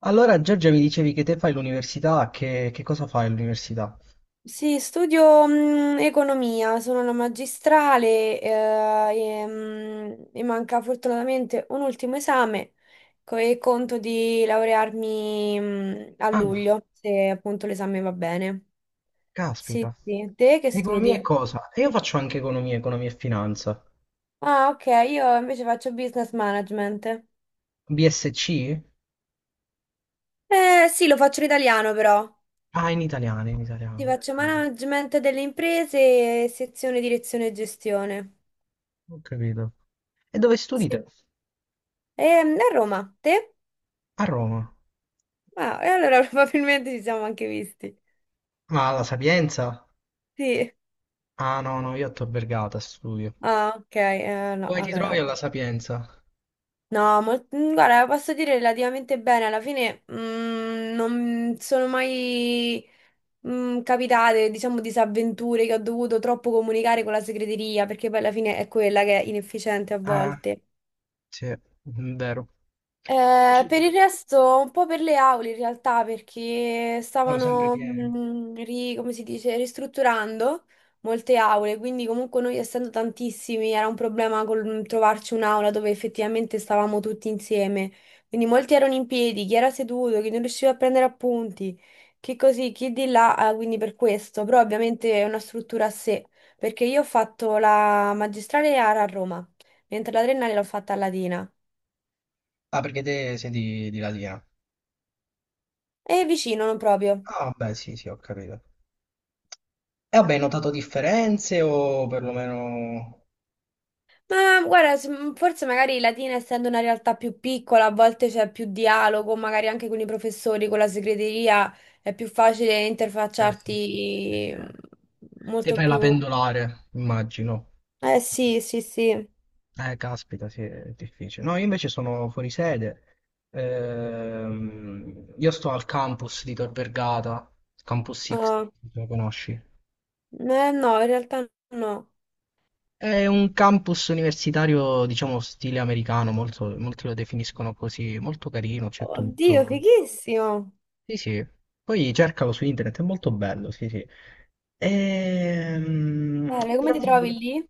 Allora, Giorgia, mi dicevi che te fai l'università, che cosa fai all'università? Sì, studio economia, sono una magistrale e, mi manca fortunatamente un ultimo esame e conto di laurearmi a Ah, luglio, se appunto l'esame va bene. Sì, caspita. sì. Te che Economia e studi? cosa? E io faccio anche economia, economia e finanza. Ah, ok, io invece faccio business management. BSc? Eh sì, lo faccio in italiano però. Ah, in italiano, in Ti italiano. faccio management delle imprese, sezione direzione e gestione. Ho capito. E dove studi Sì. te? A Roma, te? A Roma. Ah, e allora probabilmente ci siamo anche visti. Ma alla Sapienza? Sì. Ah, no, no, io a Tor Vergata studio. Ah, ok, no, Come ti allora trovi no. alla Sapienza? No, guarda, posso dire relativamente bene, alla fine non sono mai capitate, diciamo, disavventure che ho dovuto troppo comunicare con la segreteria, perché poi alla fine è quella che è inefficiente a Ah, volte. sì, è vero. Io invece Per il resto, un po' per le aule in realtà, perché sono sempre stavano, pieno. Come si dice, ristrutturando molte aule, quindi comunque noi essendo tantissimi era un problema col trovarci un'aula dove effettivamente stavamo tutti insieme. Quindi molti erano in piedi, chi era seduto, chi non riusciva a prendere appunti, chi così, chi di là, quindi per questo, però ovviamente è una struttura a sé, perché io ho fatto la magistrale a Roma, mentre la triennale l'ho fatta a Latina. Ah, perché te sei di Latina? E vicino, non proprio. Ah, beh, sì, sì, ho capito. E vabbè, hai notato differenze o perlomeno... Ma guarda, forse magari Latina, essendo una realtà più piccola, a volte c'è più dialogo, magari anche con i professori, con la segreteria, è più facile Eh sì, interfacciarti sì, sì, sì, sì. eh, Te molto fai la più... pendolare, immagino. Eh sì, sì, sì. Caspita, sì, è difficile. No, io invece sono fuori sede. Io sto al campus di Tor Vergata, Campus X, No, lo conosci? no, no, in realtà no. È un campus universitario, diciamo, stile americano, molto- molti lo definiscono così, molto carino, c'è Oddio, tutto. fighissimo. Sì, sì, poi cercalo su internet, è molto bello, sì, sì. Bene, come Però ti ti dico, trovi lì?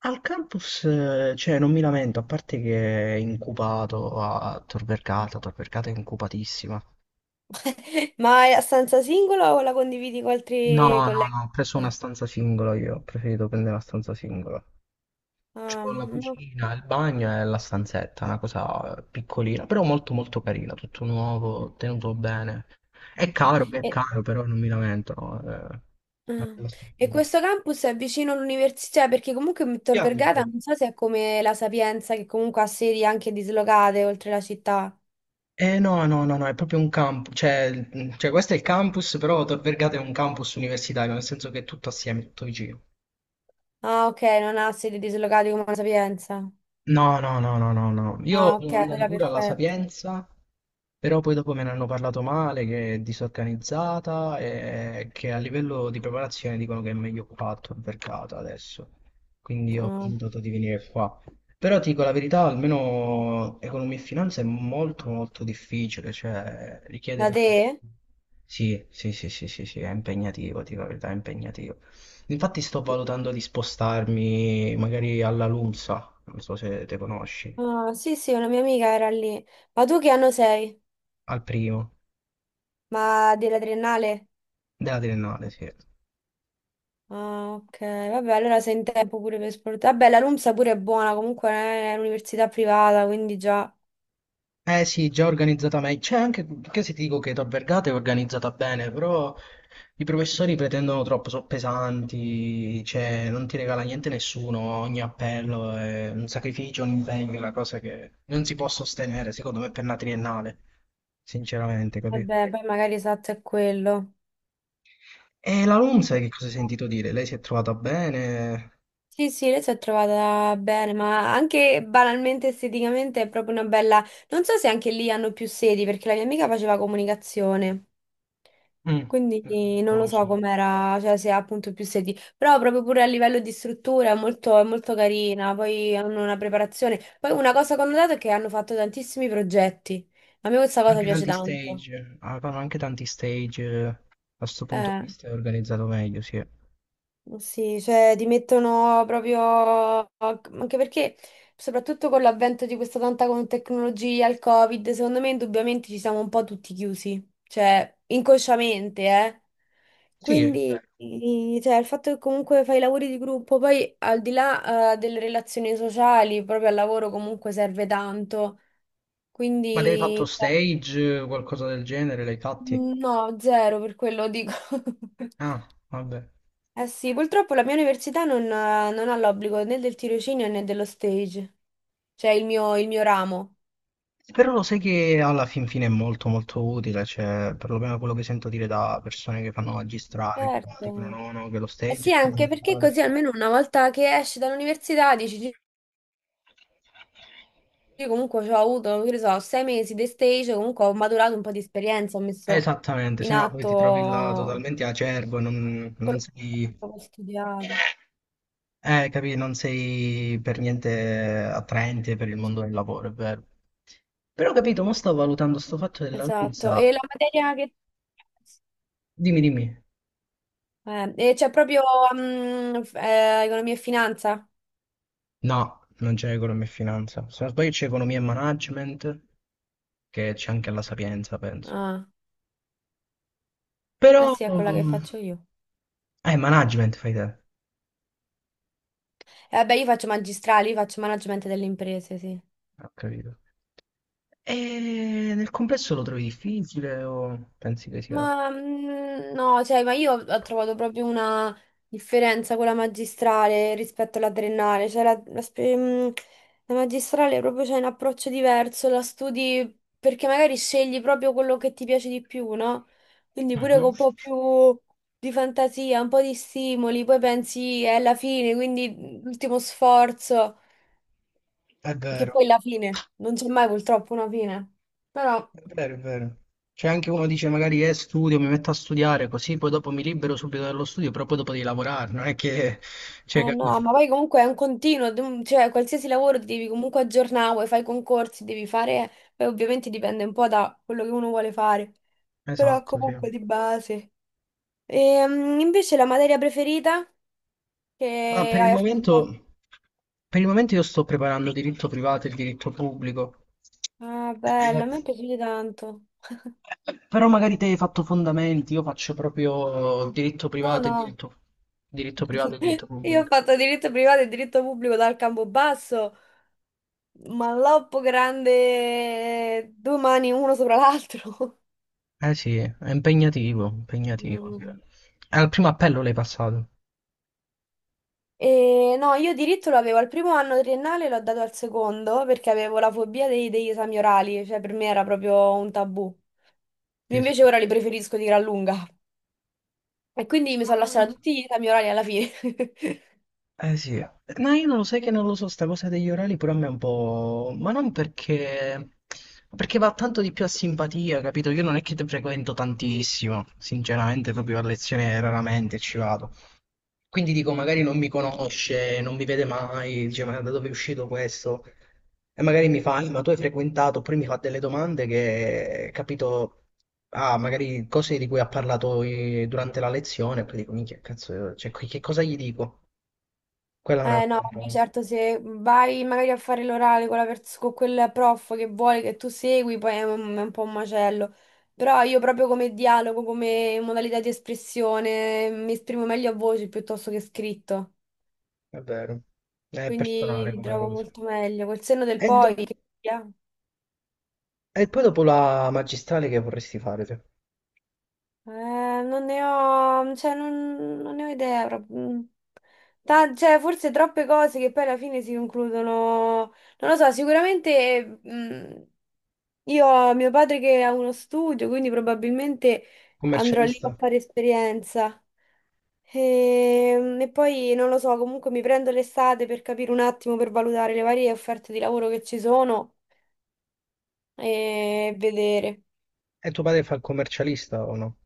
al campus, cioè, non mi lamento, a parte che è incubato a Tor Vergata, Tor Vergata è incupatissima. Ma è a stanza singola o la condividi con No, altri no, colleghi? no, ho preso una stanza singola io, ho preferito prendere una stanza singola. Ah, C'ho la no. cucina, il bagno e la stanzetta, una cosa piccolina, però molto molto carina, tutto nuovo, tenuto bene. Ok. È E- caro, però non mi lamento, no? È una Ah, bella e struttura. questo campus è vicino all'università cioè, perché comunque Tor Bianco. Vergata non so se è come la Sapienza che comunque ha sedi anche dislocate oltre la città. Eh no, no, no, no, è proprio un campus, cioè, cioè questo è il campus, però Tor Vergata è un campus universitario, nel senso che è tutto assieme, tutto vicino. Ah, ok, non ha sedi dislocate come la Sapienza. No, no, no, no, no, no. Ah, Io ok, sono andato allora pure alla perfetto. Sapienza. Però poi dopo me ne hanno parlato male, che è disorganizzata e che a livello di preparazione dicono che è meglio fatto il mercato adesso. Quindi ho Ah, pensato di venire qua. Però ti dico la verità, almeno economia e finanza è molto molto difficile, cioè richiede da tanto. te? Sì, sì, sì, sì, sì, sì, è impegnativo, ti dico la verità, è impegnativo. Infatti sto valutando di spostarmi magari alla LUMSA, non so se te conosci, Ah, sì, sì, una mia amica era lì. Ma tu che anno sei? al primo, Ma della triennale? della triennale, sì. Ah, ok, vabbè, allora sei in tempo pure per esportare. Vabbè, la LUMSA pure è buona, comunque è un'università privata, quindi già. Eh sì, già organizzata meglio. C'è anche, che se ti dico che da Vergata è organizzata bene, però i professori pretendono troppo, sono pesanti, cioè non ti regala niente nessuno, ogni appello è un sacrificio, un impegno, una cosa che non si può sostenere, secondo me, per una triennale, sinceramente, capito? Vabbè, poi magari esatto è quello. E la LUM, sai che cosa hai sentito dire? Lei si è trovata bene? Sì, sì, lei si è trovata bene, ma anche banalmente esteticamente è proprio una bella... Non so se anche lì hanno più sedi, perché la mia amica faceva comunicazione, Mm, mm, quindi non non lo lo so so. com'era, cioè se ha appunto più sedi, però proprio pure a livello di struttura è molto carina, poi hanno una preparazione. Poi una cosa che ho notato è che hanno fatto tantissimi progetti, a me questa cosa Anche piace tanti tanto. stage, avevano anche tanti stage, a questo punto Eh. di vista è organizzato meglio, sì. Sì, cioè ti mettono proprio, anche perché soprattutto con l'avvento di questa tecnologia, il Covid, secondo me indubbiamente ci siamo un po' tutti chiusi, cioè inconsciamente, eh. Sì, è Quindi, vero. Cioè, il fatto che comunque fai i lavori di gruppo, poi al di là, delle relazioni sociali, proprio al lavoro comunque serve tanto, Ma avevi quindi fatto stage, qualcosa del genere, l'hai fatti? no, zero per quello dico. Ah, vabbè. Eh sì, purtroppo la mia università non, non ha l'obbligo né del tirocinio né dello stage, cioè il mio ramo. Però lo sai che alla fin fine è molto molto utile, cioè perlomeno quello che sento dire da persone che fanno magistrale, dicono Certo. no, no, che lo Eh stage sì, è anche perché fondamentale. così almeno una volta che esci dall'università dici, "Gi- io comunque ci ho avuto, che ne so, 6 mesi di stage, comunque ho maturato un po' di esperienza, ho messo Esattamente, in se no poi ti trovi là atto totalmente acerbo, e non, non quello che sei, ho studiato. Capì, non sei per niente attraente per il mondo del lavoro, è vero. Però capito, mo sto valutando sto fatto della Esatto, e Luisa. la materia che... Dimmi, dimmi. E c'è proprio economia e finanza? No, non c'è economia e finanza. Se non sbaglio c'è economia e management, che c'è anche alla Sapienza, penso. Ah, eh Però... sì, è quella che faccio io. Management fai te. Vabbè, io faccio magistrale, io faccio management delle imprese, sì. Ho capito. E nel complesso lo trovi difficile o pensi che sia... Ma no, cioè, ma io ho trovato proprio una differenza con la magistrale rispetto alla triennale. Cioè, la magistrale proprio c'è un approccio diverso, la studi perché magari scegli proprio quello che ti piace di più, no? Quindi pure Mhm. con un po' più di fantasia, un po' di stimoli, poi pensi è la fine, quindi l'ultimo sforzo, È che vero, poi è la fine, non c'è mai purtroppo una fine. Però. È vero. C'è anche uno dice magari studio, mi metto a studiare così poi dopo mi libero subito dallo studio, però poi dopo devi lavorare, non è che... Cioè, Eh capi- no, ma poi comunque è un continuo, cioè qualsiasi lavoro ti devi comunque aggiornare, vuoi fai concorsi, devi fare, poi ovviamente dipende un po' da quello che uno vuole fare, però Esatto, sì. comunque di base. Invece la materia preferita Ma che hai affrontato? Per il momento io sto preparando diritto privato e il diritto pubblico. Ah, bella, a Eh, me è piaciuta tanto. però magari te hai fatto fondamenti, io faccio proprio diritto No, privato e no, diritto, diritto privato e diritto io pubblico. ho fatto diritto privato e diritto pubblico dal Campobasso, ma l'oppo grande, due mani uno sopra l'altro. Eh sì, è impegnativo, impegnativo. Al primo appello l'hai passato. E no, io diritto lo avevo al primo anno triennale, l'ho dato al secondo perché avevo la fobia degli esami orali, cioè per me era proprio un tabù. Io Sì, sì. invece ora li preferisco di gran lunga. E quindi mi Ma sono lasciata tutti gli esami orali alla fine. eh sì, ma io non lo sai che non lo so, sta cosa degli orali pure a me è un po'... ma non perché... perché va tanto di più a simpatia, capito? Io non è che te frequento tantissimo, sinceramente proprio a lezione raramente ci vado. Quindi dico, magari non mi conosce, non mi vede mai, dice, ma da dove è uscito questo? E magari mi fa, ma tu hai frequentato", oppure mi fa delle domande che, capito, ah, magari cose di cui ha parlato durante la lezione, e poi dico, minchia, cazzo, cioè, che cosa gli dico? Quella è Eh no, un'altra un vabbè, po', certo, se vai magari a fare l'orale con, con quel prof che vuole che tu segui, poi è un po' un macello. Però io proprio come dialogo, come modalità di espressione, mi esprimo meglio a voce piuttosto che scritto. è vero, è Quindi personale li come trovo cosa. molto meglio. Col senno del E, poi, dopo- che sia. e poi dopo la magistrale che vorresti fare te? Non ne ho, cioè, non, non ne ho idea proprio. Cioè, forse troppe cose che poi alla fine si concludono. Non lo so, sicuramente io ho mio padre che ha uno studio, quindi probabilmente andrò lì a Commercialista? fare esperienza. E poi non lo so, comunque mi prendo l'estate per capire un attimo, per valutare le varie offerte di lavoro che ci sono e vedere. E tuo padre fa il commercialista o no?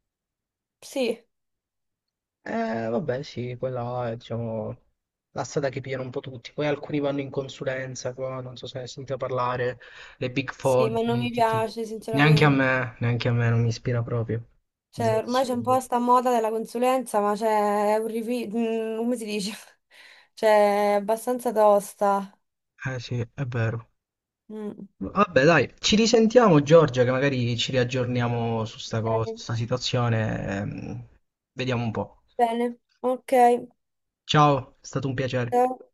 Sì, Vabbè, sì, quella è, diciamo, la strada che pigliano un po' tutti. Poi alcuni vanno in consulenza, qua, non so se hai sentito parlare, le Big sì, Four, ma non mi tutti. piace sinceramente. Neanche a me non mi ispira proprio. Cioè, Zero. ormai c'è un po' sta moda della consulenza, ma c'è è un come si dice? Cioè, è abbastanza tosta. Eh sì, è vero. Mm. Vabbè, dai, ci risentiamo Giorgia, che magari ci riaggiorniamo su sta cosa, su Ok, sta situazione. Vediamo un po'. bene, ok. Ciao, è stato un piacere. Ciao.